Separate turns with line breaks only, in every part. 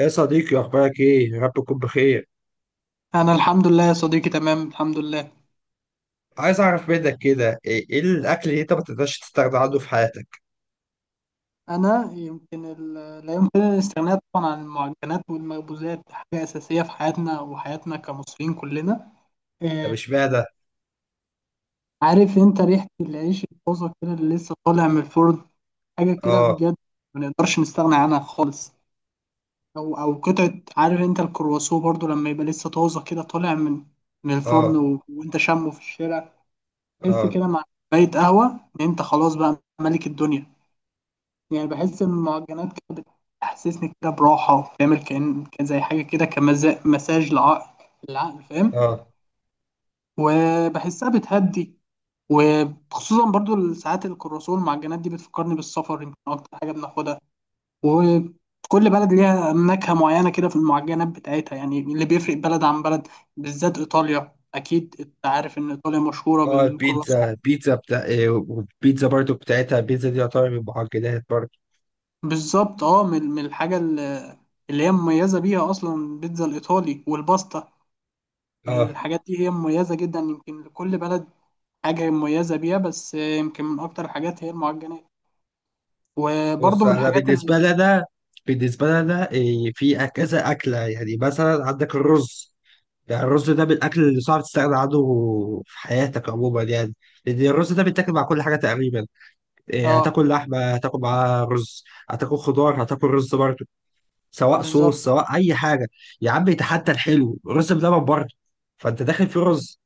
يا صديقي اخبارك ايه؟ يا رب تكون بخير.
انا الحمد لله يا صديقي، تمام الحمد لله.
عايز اعرف منك كده، ايه الاكل اللي انت ما تقدرش تستغنى عنه في حياتك؟
انا يمكن لا يمكن الاستغناء طبعا عن المعجنات والمخبوزات، حاجه اساسيه في حياتنا وحياتنا كمصريين كلنا.
طب
آه.
اشمعنى؟
عارف انت ريحه العيش الطازه كده اللي لسه طالع من الفرن، حاجه كده
اه.
بجد. ما نقدرش نستغنى عنها خالص. او قطعه، عارف انت الكرواسون برضو لما يبقى لسه طازه كده طالع من الفرن
اه
وانت شامه في الشارع. تحس
اه
كده مع كوبايه قهوه ان انت خلاص بقى ملك الدنيا. يعني بحس إن المعجنات كده بتحسسني كده براحة، وبتعمل كأن كان زي حاجة كده كمساج مساج للعقل، العقل فاهم.
اه
وبحسها بتهدي. وخصوصا برضو ساعات الكرواسون والمعجنات دي بتفكرني بالسفر، يمكن أكتر حاجة بناخدها. وكل بلد ليها نكهة معينة كده في المعجنات بتاعتها، يعني اللي بيفرق بلد عن بلد، بالذات إيطاليا. أكيد أنت عارف إن إيطاليا مشهورة
اه البيتزا،
بالكرواسون.
بتاع والبيتزا برضو بتاعتها، البيتزا دي يعتبر من المعجنات برضو.
بالظبط. من الحاجة اللي هي مميزة بيها أصلا، البيتزا الإيطالي والباستا،
اه،
الحاجات دي هي مميزة جدا. يمكن لكل بلد حاجة مميزة بيها، بس يمكن من أكتر الحاجات هي المعجنات.
بص
وبرضه من
انا
الحاجات
بالنسبه لي انا بالنسبه لي انا في كذا اكله. يعني مثلا عندك الرز، يعني الرز ده من الاكل اللي صعب تستغنى عنه في حياتك عموما، يعني لان الرز ده بيتاكل مع كل حاجه تقريبا.
اه،
هتاكل لحمه هتاكل معاها رز، هتاكل خضار هتاكل رز برضه، سواء
بالظبط،
صوص سواء اي حاجه. يا عم حتى الحلو رز بلبن برضه، فانت داخل في رز.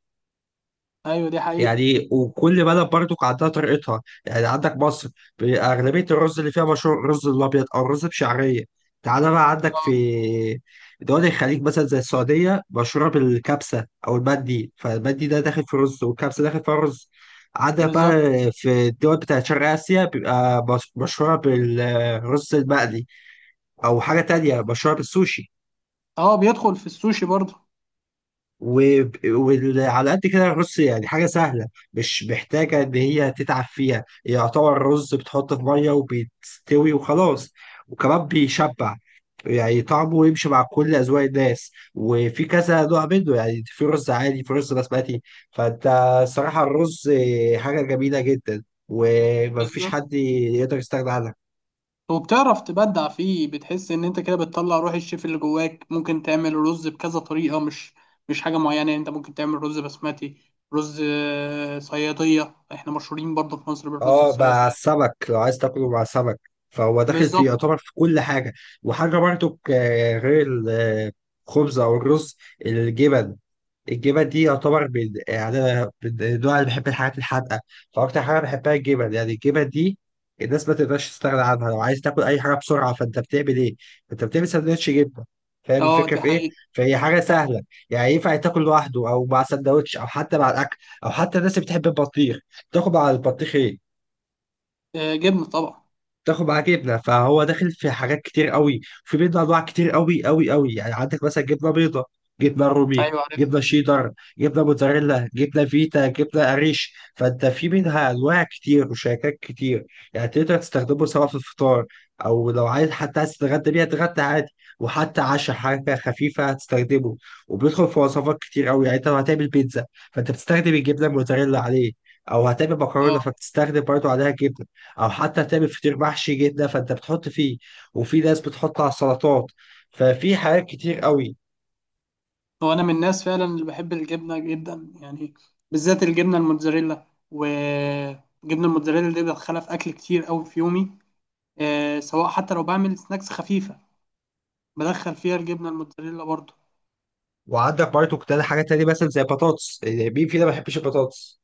أيوه دي حقيقة.
يعني وكل بلد برضو عندها طريقتها، يعني عندك مصر أغلبية الرز اللي فيها مشهور الرز الأبيض أو الرز بشعرية. تعالى بقى عندك
اه،
في دول الخليج مثلا زي السعودية مشهورة بالكبسة أو المندي، فالمندي ده داخل في رز والكبسة داخل في رز. عندك بقى
بالظبط.
في الدول بتاعت شرق آسيا بيبقى مشهورة بالرز المقلي أو حاجة تانية مشهورة بالسوشي.
اه، بيدخل في السوشي برضه.
وعلى قد كده الرز يعني حاجة سهلة، مش محتاجة إن هي تتعب فيها، يعتبر رز بتحطه في مية وبيستوي وخلاص، وكمان بيشبع. يعني طعمه يمشي مع كل أذواق الناس، وفي كذا نوع منه، يعني في رز عادي في رز بسمتي. فأنت صراحة الرز حاجة جميلة جدا، ومفيش
بالظبط.
حد يقدر يستغنى عنها.
وبتعرف تبدع فيه، بتحس إن أنت كده بتطلع روح الشيف اللي جواك، ممكن تعمل رز بكذا طريقة، مش حاجة معينة. يعني أنت ممكن تعمل رز بسمتي، رز صيادية. احنا مشهورين برضه في مصر بالرز
اه، مع
الصيادية.
السمك لو عايز تاكله مع سمك، فهو داخل في
بالظبط.
يعتبر في كل حاجه. وحاجه برضو غير الخبز او الرز، الجبن. الجبن دي يعتبر من، يعني انا من النوع اللي بحب الحاجات الحادقه، فاكتر حاجه بحبها الجبن. يعني الجبن دي الناس ما تقدرش تستغنى عنها. لو عايز تاكل اي حاجه بسرعه، فانت بتعمل ايه؟ انت بتعمل سندوتش جبنه. فاهم
اه
الفكره
دي
في ايه؟
حقيقة.
فهي حاجه
أيوة.
سهله، يعني ينفع تاكل لوحده او مع سندوتش او حتى مع الاكل، او حتى الناس اللي بتحب البطيخ تاكل مع البطيخ ايه؟
آه، جبنة طبعا.
تاخد معاه جبنه. فهو داخل في حاجات كتير قوي، في بيض انواع كتير قوي قوي قوي، يعني عندك مثلا جبنه بيضه، جبنه رومي،
ايوه عارف.
جبنه شيدر، جبنه موتزاريلا، جبنه فيتا، جبنه قريش. فانت في منها انواع كتير وشركات كتير. يعني تقدر تستخدمه سواء في الفطار، او لو عايز حتى عايز تتغدى بيها تتغدى عادي، وحتى عشاء حاجه خفيفه هتستخدمه. وبيدخل في وصفات كتير قوي، يعني انت لو هتعمل بيتزا فانت بتستخدم الجبنه الموتزاريلا عليه، او هتعمل مكرونه
اه.
فبتستخدم برضه عليها جبنه، او حتى تعمل فطير محشي جدا فانت بتحط فيه، وفي ناس بتحط على السلطات. ففي حاجات كتير قوي.
هو انا من الناس فعلا اللي بحب الجبنه جدا، يعني بالذات الجبنه الموتزاريلا. وجبنه الموتزاريلا دي بدخلها في اكل كتير قوي في يومي. سواء حتى لو بعمل سناكس خفيفه، بدخل فيها الجبنه الموتزاريلا برضو.
وعندك برضه كتير حاجات تانية، مثلا زي بطاطس، يعني مين فينا ما بيحبش البطاطس؟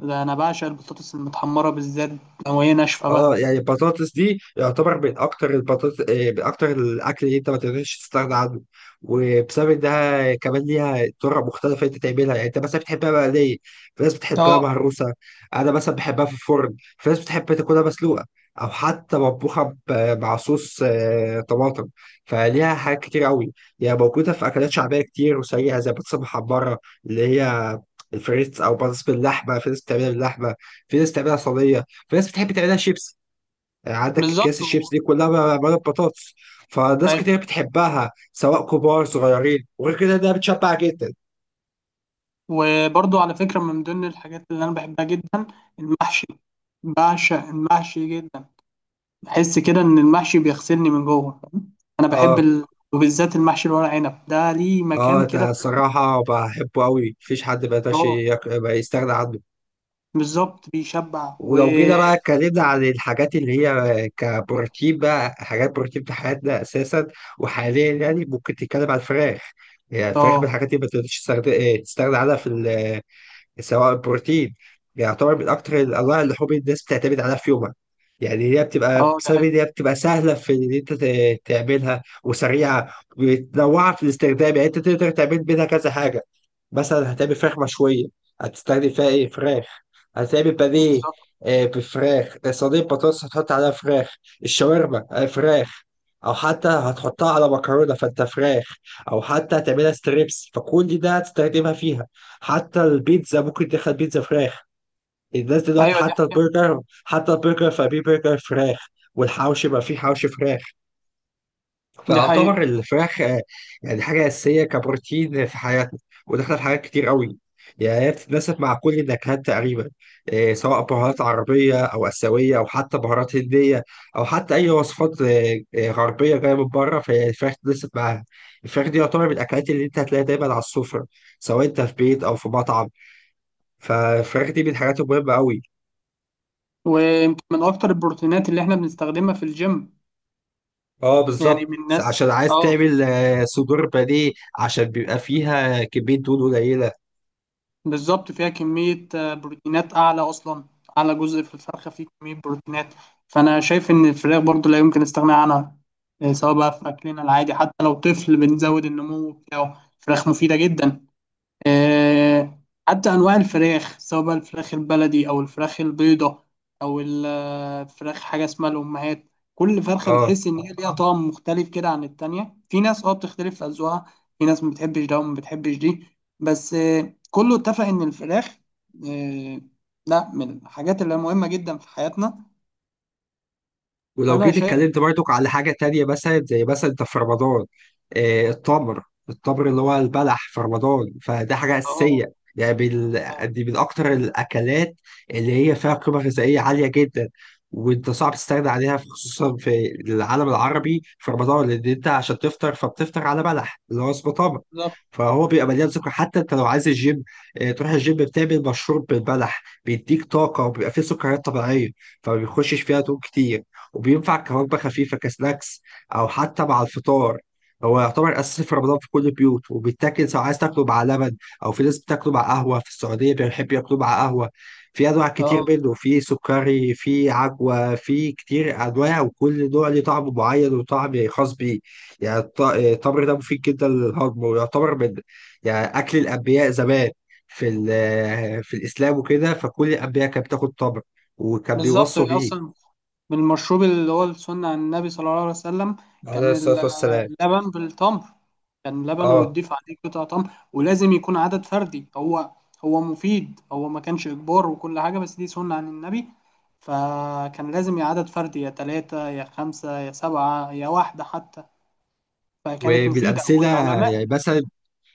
ده انا بعشق البطاطس المتحمره، بالذات لو هي ناشفه بقى.
اه، يعني البطاطس دي يعتبر من اكتر البطاطس من اكتر الاكل اللي انت ما تقدرش تستغنى عنه. وبسبب انها كمان ليها طرق مختلفه انت تعملها، يعني انت مثلا بتحبها مقليه، في ناس بتحبها
اه،
مهروسه، انا مثلا بحبها في الفرن، في ناس بتحب تاكلها مسلوقه، او حتى مطبوخه مع صوص طماطم. فليها حاجات كتير قوي، يعني موجوده في اكلات شعبيه كتير وسريعه زي البطاطس المحمره اللي هي الفريتس، او بطاطس باللحمه، في ناس بتعملها باللحمه، في ناس بتعملها صينيه، في ناس بتحب تعملها شيبس. عندك
بالظبط.
اكياس الشيبس دي كلها معموله ببطاطس. فناس
ايوه.
كتير بتحبها سواء كبار صغيرين، وغير كده ده بتشبع جدا.
وبرضو على فكره، من ضمن الحاجات اللي انا بحبها جدا، المحشي. بعشق المحشي جدا. بحس كده ان المحشي بيغسلني من جوه، فاهم؟ انا بحب
اه.
وبالذات المحشي الورق عنب ده ليه
اه،
مكان
ده
كده في
الصراحه بحبه قوي، مفيش حد ما يقدرش
الفراغ.
ما يستغنى عنه.
بالظبط بيشبع.
ولو جينا بقى اتكلمنا عن الحاجات اللي هي كبروتين بقى، حاجات بروتين في حياتنا اساسا وحاليا، يعني ممكن تتكلم عن الفراخ. يعني الفراخ من
اه،
الحاجات اللي ما تقدرش تستغنى تستغنى عنها في، سواء البروتين، بيعتبر من أكتر الأنواع اللحوم اللي حب الناس بتعتمد عليها في يومها. يعني هي بتبقى
اه، ده
بسبب إن
حقيقي.
هي بتبقى سهلة في إن أنت تعملها، وسريعة ومتنوعة في الاستخدام، يعني أنت تقدر تعمل منها كذا حاجة. مثلا هتعمل فراخ مشوية هتستخدم فيها إيه؟ فراخ. هتعمل بانيه،
بالظبط،
بفراخ. صينية بطاطس هتحط عليها فراخ. الشاورما فراخ. أو حتى هتحطها على مكرونة فأنت فراخ. أو حتى هتعملها ستريبس فكل ده هتستخدمها فيها. حتى البيتزا ممكن تدخل بيتزا فراخ. الناس دلوقتي
ايوه دي
حتى
حقيقة،
البرجر، حتى البرجر فبيه برجر فراخ. والحوش بقى فيه حوش فراخ.
دي حقيقة.
فاعتبر الفراخ يعني حاجة أساسية كبروتين في حياتنا، وداخلة في حاجات كتير قوي. يعني هي بتتناسب مع كل النكهات تقريبا، سواء بهارات عربية أو آسيوية أو حتى بهارات هندية، أو حتى أي وصفات غربية جاية من بره، فهي الفراخ تتناسب معاها. الفراخ دي يعتبر من الأكلات اللي أنت هتلاقيها دايما على السفرة، سواء أنت في بيت أو في مطعم. فالفراخ دي من الحاجات المهمة أوي.
ويمكن من اكتر البروتينات اللي احنا بنستخدمها في الجيم،
اه،
يعني
بالظبط،
من الناس.
عشان عايز
اه،
تعمل صدور بانيه، عشان بيبقى فيها كمية دهون قليلة.
بالظبط. فيها كمية بروتينات أعلى أصلا. أعلى جزء في الفرخة فيه كمية بروتينات. فأنا شايف إن الفراخ برضو لا يمكن استغناء عنها، سواء بقى في أكلنا العادي حتى لو طفل بنزود النمو بتاعه فراخ مفيدة جدا. آه، حتى أنواع الفراخ سواء بقى الفراخ البلدي أو الفراخ البيضة أو الفراخ حاجة اسمها الأمهات. كل فرخة
اه.
بتحس إن هي ليها طعم مختلف كده عن التانية. في ناس بتختلف في أذواقها. في ناس ما بتحبش ده وما بتحبش دي. بس كله اتفق إن الفراخ، آه، لا، من الحاجات اللي مهمة جدا في حياتنا.
ولو
فأنا
جيت
شايف.
اتكلمت برضك على حاجة تانية، مثلا زي مثلا انت في رمضان، التمر، التمر اللي هو البلح في رمضان، فده حاجة
أه.
أساسية.
آه،
دي من أكتر الأكلات اللي هي فيها قيمة غذائية عالية جدا. وانت صعب تستغنى عليها خصوصا في العالم العربي في رمضان، لأن انت عشان تفطر فبتفطر على بلح اللي هو اسمه تمر.
بالظبط.
فهو بيبقى مليان سكر، حتى انت لو عايز الجيم، تروح الجيم بتعمل مشروب بالبلح، بيديك طاقة وبيبقى فيه سكريات طبيعية، فما بيخشش فيها دهون كتير، وبينفع كوجبة خفيفة كسناكس أو حتى مع الفطار. هو يعتبر أساسي في رمضان في كل البيوت، وبيتاكل سواء عايز تاكله مع لبن، أو في ناس بتاكله مع قهوة، في السعودية بيحب ياكلوه مع قهوة. في أنواع كتير
أه،
منه، في سكري في عجوة في كتير أنواع، وكل نوع ليه طعم معين وطعم خاص بيه. يعني التمر ده مفيد جدا للهضم، ويعتبر من، يعني أكل الأنبياء زمان في في الإسلام وكده، فكل الأنبياء كانت بتاكل تمر وكان
بالظبط.
بيوصوا
هي
بيه.
أصلا بالمشروب اللي هو السنة عن النبي صلى الله عليه وسلم،
عليه
كان
الصلاة والسلام.
اللبن بالتمر. كان لبن
اه.
وتضيف عليه قطع تمر، ولازم يكون عدد فردي. هو هو مفيد. هو ما كانش إجبار، وكل حاجة، بس دي سنة عن النبي. فكان لازم يا عدد فردي، يا تلاتة، يا خمسة، يا سبعة، يا واحدة حتى. فكانت مفيدة،
وبالامثله،
والعلماء.
يعني مثلا،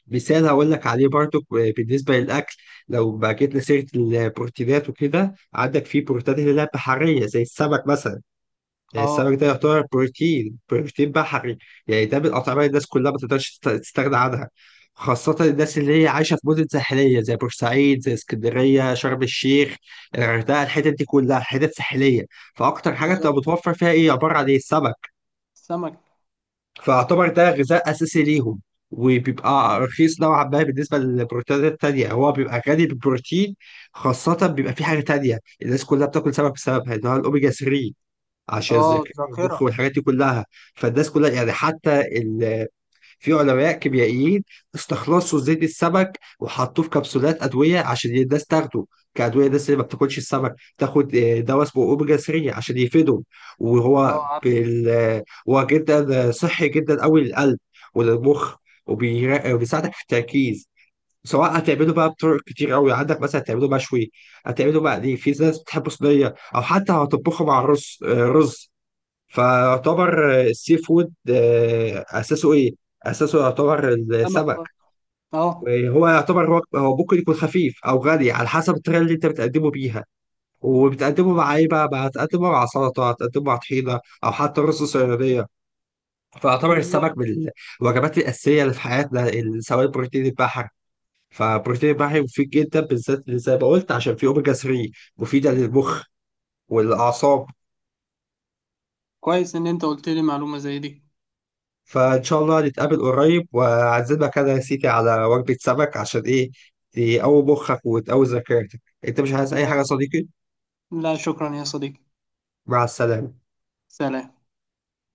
مثال هقول لك عليه برضو بالنسبه للاكل، لو بقى جبنا سيره البروتينات وكده، عندك في بروتينات اللي هي بحريه زي السمك مثلا. يعني السمك ده
اه،
يعتبر بروتين، بحري. يعني ده من الاطعمه اللي الناس كلها ما تقدرش تستغنى عنها، خاصة الناس اللي هي عايشة في مدن ساحلية زي بورسعيد، زي اسكندرية، شرم الشيخ، الغردقة، الحتت دي كلها حتت ساحلية. فأكتر حاجة بتبقى
بالظبط.
متوفر فيها إيه؟ عبارة عن إيه؟ السمك.
السمك.
فاعتبر ده غذاء اساسي ليهم، وبيبقى رخيص نوعا ما بالنسبه للبروتينات التانيه، هو بيبقى غني بالبروتين. خاصه بيبقى في حاجه تانيه الناس كلها بتاكل سمك بسببها اللي هو الاوميجا 3، عشان
اه،
الذاكره والمخ
الذاكرة.
والحاجات دي كلها. فالناس كلها يعني حتى في علماء كيميائيين استخلصوا زيت السمك وحطوه في كبسولات ادويه عشان الناس تاخده كادويه. الناس اللي ما بتاكلش السمك تاخد دواء اسمه اوميجا 3 عشان يفيدهم.
اه،
وهو
عارف.
بال... آه، هو جدا صحي جدا قوي للقلب وللمخ، وبيساعدك في التركيز. سواء هتعمله بقى بطرق كتير قوي، عندك مثلا هتعمله مشوي، هتعمله مقلي، في ناس بتحبه صينيه، او حتى هتطبخه مع الرز رز. فيعتبر السي فود اساسه ايه؟ اساسه يعتبر
السمك
السمك.
برضه. اه،
هو يعتبر هو هو ممكن يكون خفيف او غني على حسب الطريقه اللي انت بتقدمه بيها، وبتقدمه مع ايه بقى؟ بقى هتقدمه مع سلطه، هتقدمه مع طحينه، او حتى رز صياديه. فيعتبر
بالظبط.
السمك من الوجبات الاساسيه اللي في حياتنا، سواء بروتين البحر. فبروتين البحر مفيد جدا، بالذات اللي زي ما قلت عشان فيه اوميجا 3 مفيده للمخ والاعصاب.
كويس إن أنت قلت لي معلومة زي دي.
فإن شاء الله نتقابل قريب وأعزمك أنا يا سيدي على وجبة سمك، عشان إيه؟ تقوي مخك وتقوي ذاكرتك. أنت مش عايز أي حاجة يا صديقي؟
لا، شكرا يا صديقي.
مع السلامة.
سلام.